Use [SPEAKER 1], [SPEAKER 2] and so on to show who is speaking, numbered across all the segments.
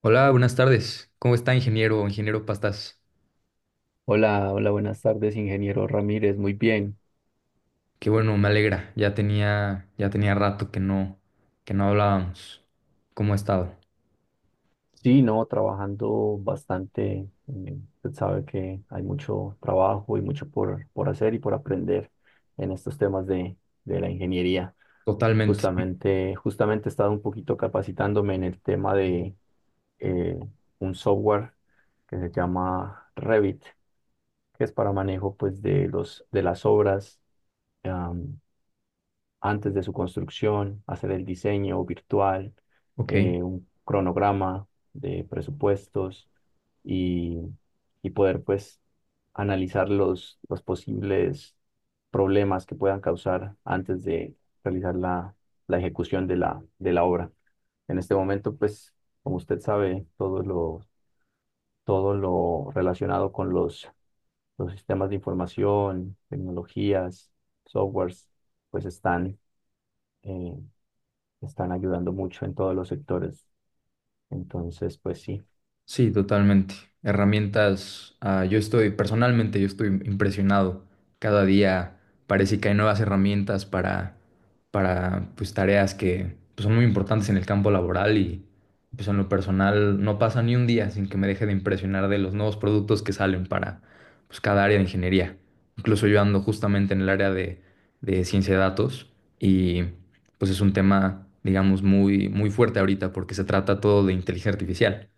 [SPEAKER 1] Hola, buenas tardes. ¿Cómo está, ingeniero Pastas?
[SPEAKER 2] Hola, hola, buenas tardes, ingeniero Ramírez. Muy bien.
[SPEAKER 1] Qué bueno, me alegra. Ya tenía rato que no hablábamos. ¿Cómo ha estado?
[SPEAKER 2] Sí, no, trabajando bastante. Usted sabe que hay mucho trabajo y mucho por hacer y por aprender en estos de la ingeniería.
[SPEAKER 1] Totalmente.
[SPEAKER 2] Justamente he estado un poquito capacitándome en el tema de eh, un software que se llama Revit, que es para manejo pues, de de las obras antes de su construcción, hacer el diseño virtual,
[SPEAKER 1] Ok.
[SPEAKER 2] un cronograma de presupuestos y, y poder pues analizar los posibles problemas que puedan causar antes de realizar la ejecución de de la obra. En este momento, pues, como usted sabe, todo lo relacionado con los sistemas de información, tecnologías, softwares, pues están eh, están ayudando mucho en todos los sectores. Entonces, pues sí.
[SPEAKER 1] Sí, totalmente. Herramientas, yo estoy, personalmente yo estoy impresionado. Cada día parece que hay nuevas herramientas para pues, tareas que pues, son muy importantes en el campo laboral y pues, en lo personal no pasa ni un día sin que me deje de impresionar de los nuevos productos que salen para pues, cada área de ingeniería. Incluso yo ando justamente en el área de ciencia de datos y pues es un tema, digamos, muy fuerte ahorita porque se trata todo de inteligencia artificial.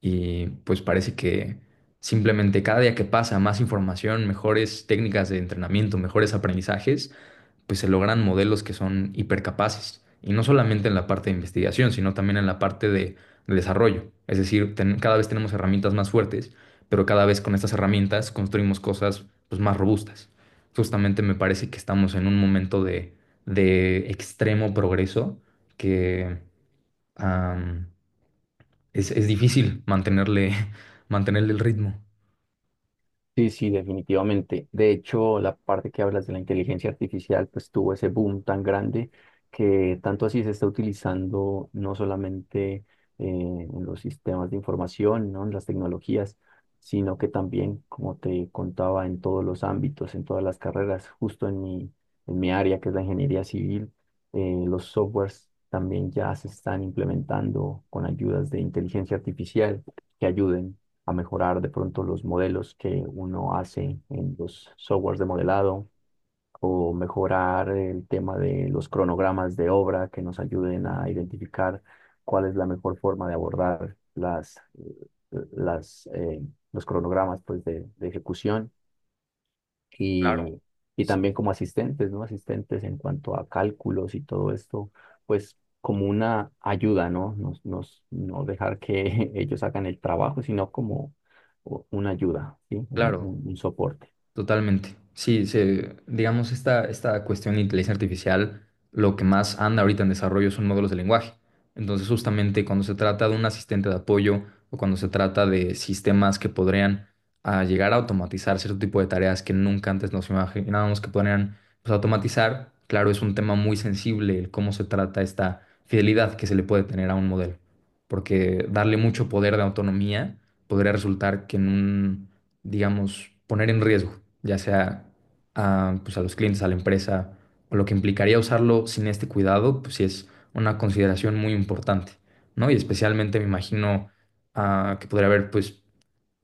[SPEAKER 1] Y pues parece que simplemente cada día que pasa, más información, mejores técnicas de entrenamiento, mejores aprendizajes, pues se logran modelos que son hipercapaces. Y no solamente en la parte de investigación, sino también en la parte de desarrollo. Es decir, cada vez tenemos herramientas más fuertes, pero cada vez con estas herramientas construimos cosas pues, más robustas. Justamente me parece que estamos en un momento de extremo progreso que es difícil mantenerle el ritmo.
[SPEAKER 2] Sí, sí, definitivamente. De hecho, la parte que hablas de la inteligencia artificial, pues tuvo ese boom tan grande que tanto así se está utilizando no solamente en los sistemas de información, ¿no? En las tecnologías, sino que también, como te contaba, en todos los ámbitos, en todas las carreras, en mi área, que es la ingeniería civil, los softwares también ya se están implementando con ayudas de inteligencia artificial que ayuden a mejorar de pronto los modelos que uno hace en los softwares de modelado o mejorar el tema de los cronogramas de obra que nos ayuden a identificar cuál es la mejor forma de abordar las, eh, los cronogramas pues, de ejecución
[SPEAKER 1] Claro.
[SPEAKER 2] y, y
[SPEAKER 1] Sí,
[SPEAKER 2] también como asistentes, ¿no? Asistentes en cuanto a cálculos y todo esto, pues como una ayuda, ¿no? Nos, nos, no dejar que ellos hagan el trabajo, sino como una ayuda, ¿sí?
[SPEAKER 1] claro.
[SPEAKER 2] Un soporte.
[SPEAKER 1] Totalmente. Sí, se, digamos, esta cuestión de inteligencia artificial, lo que más anda ahorita en desarrollo son modelos de lenguaje. Entonces, justamente cuando se trata de un asistente de apoyo o cuando se trata de sistemas que podrían llegar a automatizar cierto tipo de tareas que nunca antes nos imaginábamos que podrían pues, automatizar, claro, es un tema muy sensible el cómo se trata esta fidelidad que se le puede tener a un modelo. Porque darle mucho poder de autonomía podría resultar que en un digamos, poner en riesgo, ya sea a, pues, a los clientes, a la empresa, o lo que implicaría usarlo sin este cuidado, pues sí es una consideración muy importante, ¿no? Y especialmente me imagino que podría haber, pues,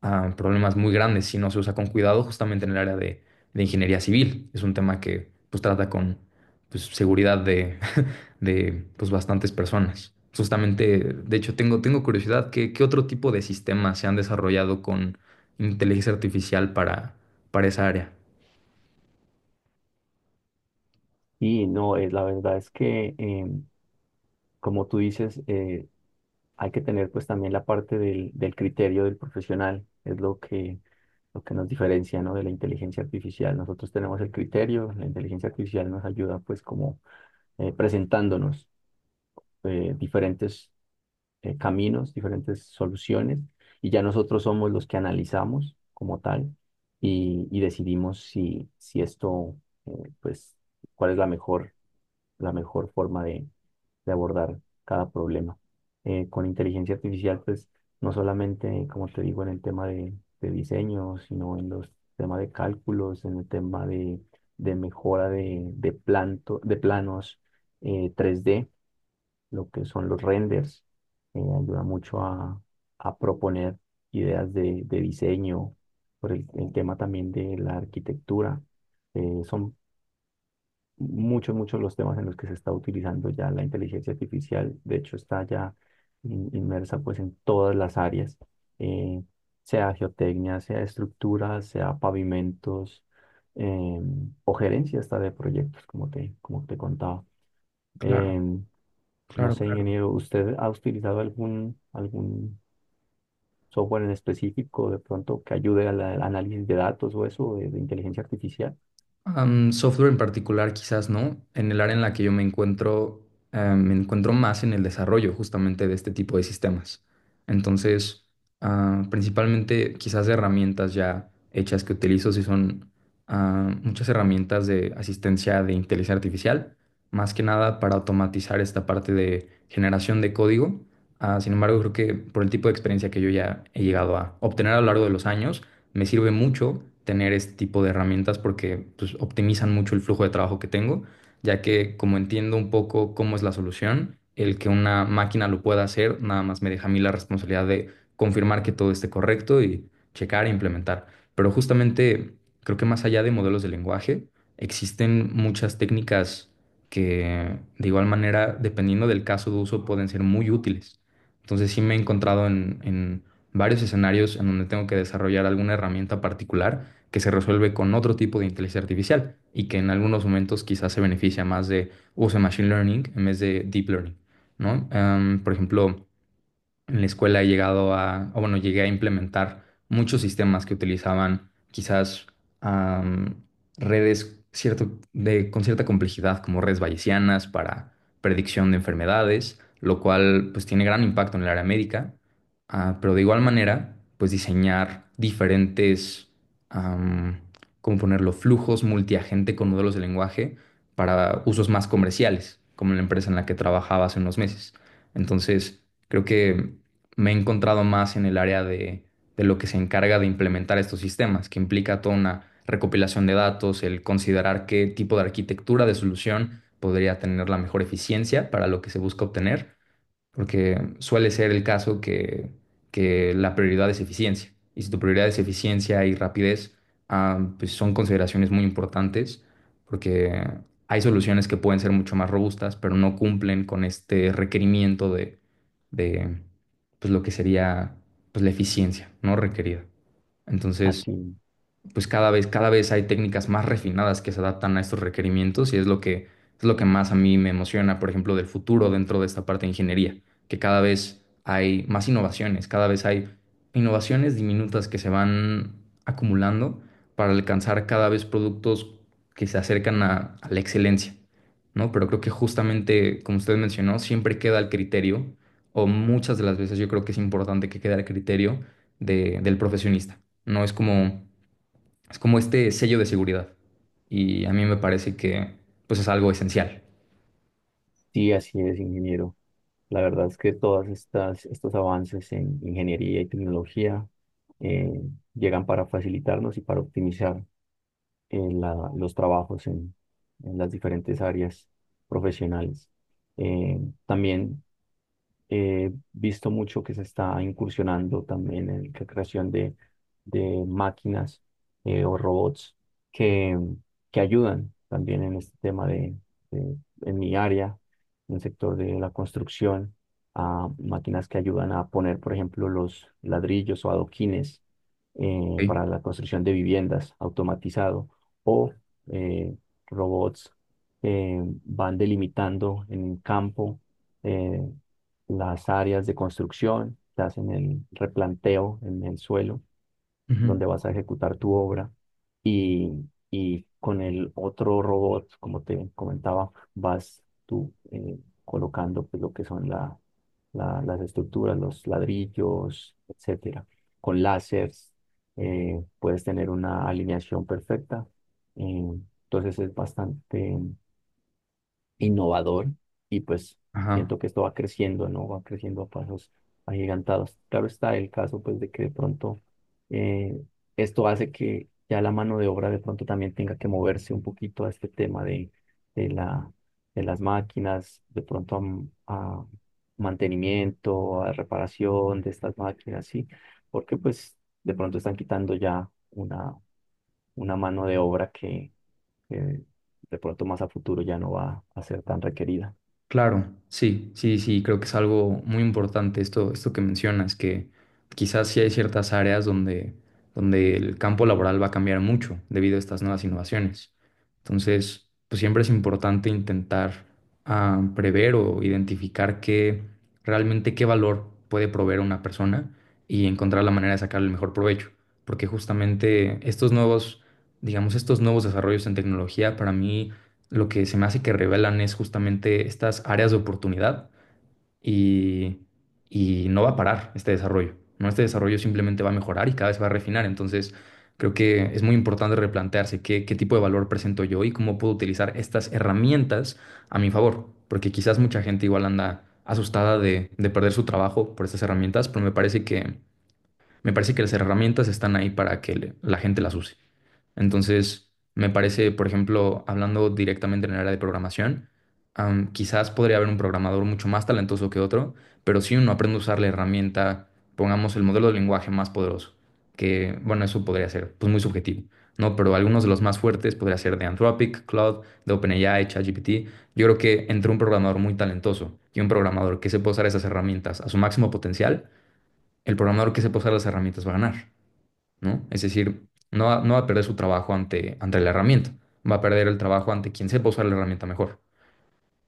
[SPEAKER 1] problemas muy grandes si no se usa con cuidado, justamente en el área de ingeniería civil. Es un tema que, pues, trata con, pues, seguridad de pues, bastantes personas. Justamente, de hecho, tengo curiosidad, qué otro tipo de sistemas se han desarrollado con inteligencia artificial para esa área?
[SPEAKER 2] Y no, es la verdad es que, como tú dices, hay que tener pues también la parte del criterio del profesional, es lo que lo que nos diferencia, ¿no?, de la inteligencia artificial. Nosotros tenemos el criterio, la inteligencia artificial nos ayuda pues como presentándonos diferentes caminos, diferentes soluciones, y ya nosotros somos los que analizamos como tal y decidimos si esto, eh, pues, cuál es la mejor forma de abordar cada problema. Con inteligencia artificial, pues, no solamente, como te digo, en el de diseño, sino en los temas de cálculos, en el de mejora de planos 3D, lo que son los renders. Ayuda mucho a proponer ideas de diseño, por el tema también de la arquitectura. Son muchos los temas en los que se está utilizando ya la inteligencia artificial. De hecho, está ya inmersa pues en todas las áreas, eh, sea geotecnia, sea estructuras, sea pavimentos, o gerencia hasta de proyectos, como como te contaba.
[SPEAKER 1] Claro,
[SPEAKER 2] Em, no
[SPEAKER 1] claro,
[SPEAKER 2] sé,
[SPEAKER 1] claro.
[SPEAKER 2] ingeniero, ¿usted ha utilizado algún software en específico de pronto que ayude al análisis de datos o eso de inteligencia artificial?
[SPEAKER 1] Am, software en particular, quizás no. En el área en la que yo me encuentro más en el desarrollo justamente de este tipo de sistemas. Entonces, principalmente quizás herramientas ya hechas que utilizo, si son muchas herramientas de asistencia de inteligencia artificial, más que nada para automatizar esta parte de generación de código. Sin embargo, creo que por el tipo de experiencia que yo ya he llegado a obtener a lo largo de los años, me sirve mucho tener este tipo de herramientas porque pues, optimizan mucho el flujo de trabajo que tengo, ya que como entiendo un poco cómo es la solución, el que una máquina lo pueda hacer, nada más me deja a mí la responsabilidad de confirmar que todo esté correcto y checar e implementar. Pero justamente creo que más allá de modelos de lenguaje, existen muchas técnicas que de igual manera, dependiendo del caso de uso, pueden ser muy útiles. Entonces sí me he encontrado en varios escenarios en donde tengo que desarrollar alguna herramienta particular que se resuelve con otro tipo de inteligencia artificial y que en algunos momentos quizás se beneficia más de uso de machine learning en vez de deep learning, ¿no? Por ejemplo, en la escuela he llegado a, o bueno, llegué a implementar muchos sistemas que utilizaban quizás am, redes cierto, de, con cierta complejidad, como redes bayesianas para predicción de enfermedades, lo cual pues tiene gran impacto en el área médica. Pero de igual manera, pues diseñar diferentes, am, ¿cómo ponerlo?, flujos multiagente con modelos de lenguaje para usos más comerciales, como la empresa en la que trabajaba hace unos meses. Entonces, creo que me he encontrado más en el área de lo que se encarga de implementar estos sistemas, que implica toda una recopilación de datos, el considerar qué tipo de arquitectura de solución podría tener la mejor eficiencia para lo que se busca obtener porque suele ser el caso que la prioridad es eficiencia. Y si tu prioridad es eficiencia y rapidez, pues son consideraciones muy importantes, porque hay soluciones que pueden ser mucho más robustas, pero no cumplen con este requerimiento de pues lo que sería pues, la eficiencia no requerida. Entonces,
[SPEAKER 2] Así,
[SPEAKER 1] pues cada vez hay técnicas más refinadas que se adaptan a estos requerimientos y es lo es lo que más a mí me emociona, por ejemplo, del futuro dentro de esta parte de ingeniería, que cada vez hay más innovaciones, cada vez hay innovaciones diminutas que se van acumulando para alcanzar cada vez productos que se acercan a la excelencia, ¿no? Pero creo que justamente, como usted mencionó, siempre queda el criterio, o muchas de las veces yo creo que es importante que quede al criterio del profesionista. No es como es como este sello de seguridad. Y a mí me parece que pues es algo esencial.
[SPEAKER 2] sí, así es, ingeniero. La verdad es que estos avances en ingeniería y tecnología eh, llegan para facilitarnos y para optimizar los trabajos en las diferentes áreas profesionales. Eh, también He visto mucho que se está incursionando también en la creación de máquinas o robots que, que ayudan también en este de- en mi área, en el sector de la construcción, a máquinas que ayudan a poner, por ejemplo, los ladrillos o adoquines
[SPEAKER 1] Ok.
[SPEAKER 2] para la construcción de viviendas automatizado, o eh, robots que van delimitando en el campo eh, las áreas de construcción, te hacen el replanteo en el suelo
[SPEAKER 1] Ujú.
[SPEAKER 2] donde vas a ejecutar tu obra y, y con el otro robot, como te comentaba, vas tú colocando pues, lo que son las estructuras, los ladrillos, etcétera. Con láseres puedes tener una alineación perfecta. eh, entonces es bastante innovador y pues
[SPEAKER 1] Ajá.
[SPEAKER 2] siento que esto va creciendo, ¿no? Va creciendo a pasos agigantados. Claro está el caso pues de que de pronto eh, esto hace que ya la mano de obra de pronto también tenga que moverse un poquito a este tema de la, de las máquinas, de pronto a, a mantenimiento, a reparación de estas máquinas, ¿sí? Porque pues de pronto están quitando ya una mano de obra que de pronto más a futuro ya no va a ser tan requerida.
[SPEAKER 1] Claro, sí, sí, sí, creo que es algo muy importante esto, esto que mencionas, que quizás sí hay ciertas áreas donde el campo laboral va a cambiar mucho debido a estas nuevas innovaciones. Entonces, pues siempre es importante intentar prever o identificar qué realmente qué valor puede proveer una persona y encontrar la manera de sacar el mejor provecho. Porque justamente estos nuevos, digamos, estos nuevos desarrollos en tecnología para mí lo que se me hace que revelan es justamente estas áreas de oportunidad y, y no va a parar este desarrollo, ¿no? Este desarrollo simplemente va a mejorar y cada vez va a refinar. Entonces, creo que es muy importante replantearse qué, qué tipo de valor presento yo y cómo puedo utilizar estas herramientas a mi favor, porque quizás mucha gente igual anda asustada de perder su trabajo por estas herramientas, pero me parece me parece que las herramientas están ahí para que la gente las use. Entonces, me parece, por ejemplo, hablando directamente en el área de programación, quizás podría haber un programador mucho más talentoso que otro, pero si uno aprende a usar la herramienta, pongamos el modelo de lenguaje más poderoso, que, bueno, eso podría ser, pues muy subjetivo, ¿no? Pero algunos de los más fuertes podría ser de Anthropic, Claude, de OpenAI, ChatGPT. Yo creo que entre un programador muy talentoso y un programador que sepa usar esas herramientas a su máximo potencial, el programador que sepa usar las herramientas va a ganar. ¿No? Es decir, no va a perder su trabajo ante la herramienta, va a perder el trabajo ante quien sepa usar la herramienta mejor.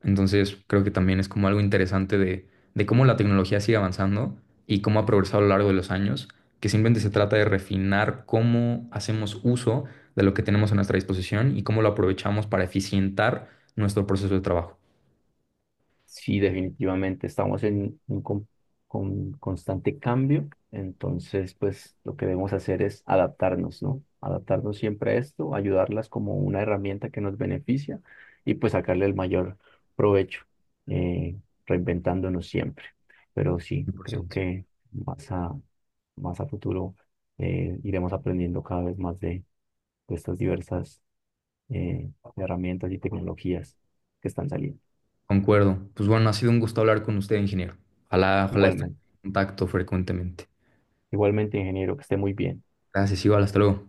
[SPEAKER 1] Entonces, creo que también es como algo interesante de cómo la tecnología sigue avanzando y cómo ha progresado a lo largo de los años, que simplemente se trata de refinar cómo hacemos uso de lo que tenemos a nuestra disposición y cómo lo aprovechamos para eficientar nuestro proceso de trabajo.
[SPEAKER 2] Sí, definitivamente estamos en con constante cambio, entonces pues lo que debemos hacer es adaptarnos, ¿no? Adaptarnos siempre a esto, ayudarlas como una herramienta que nos beneficia y pues sacarle el mayor provecho, eh, reinventándonos siempre. Pero sí, creo
[SPEAKER 1] 100%.
[SPEAKER 2] que más a, más a futuro iremos aprendiendo cada vez más de estas diversas de herramientas y tecnologías que están saliendo.
[SPEAKER 1] Concuerdo. Pues bueno, ha sido un gusto hablar con usted, ingeniero. Ojalá esté en
[SPEAKER 2] Igualmente,
[SPEAKER 1] contacto frecuentemente.
[SPEAKER 2] igualmente, ingeniero, que esté muy bien.
[SPEAKER 1] Gracias, igual, hasta luego.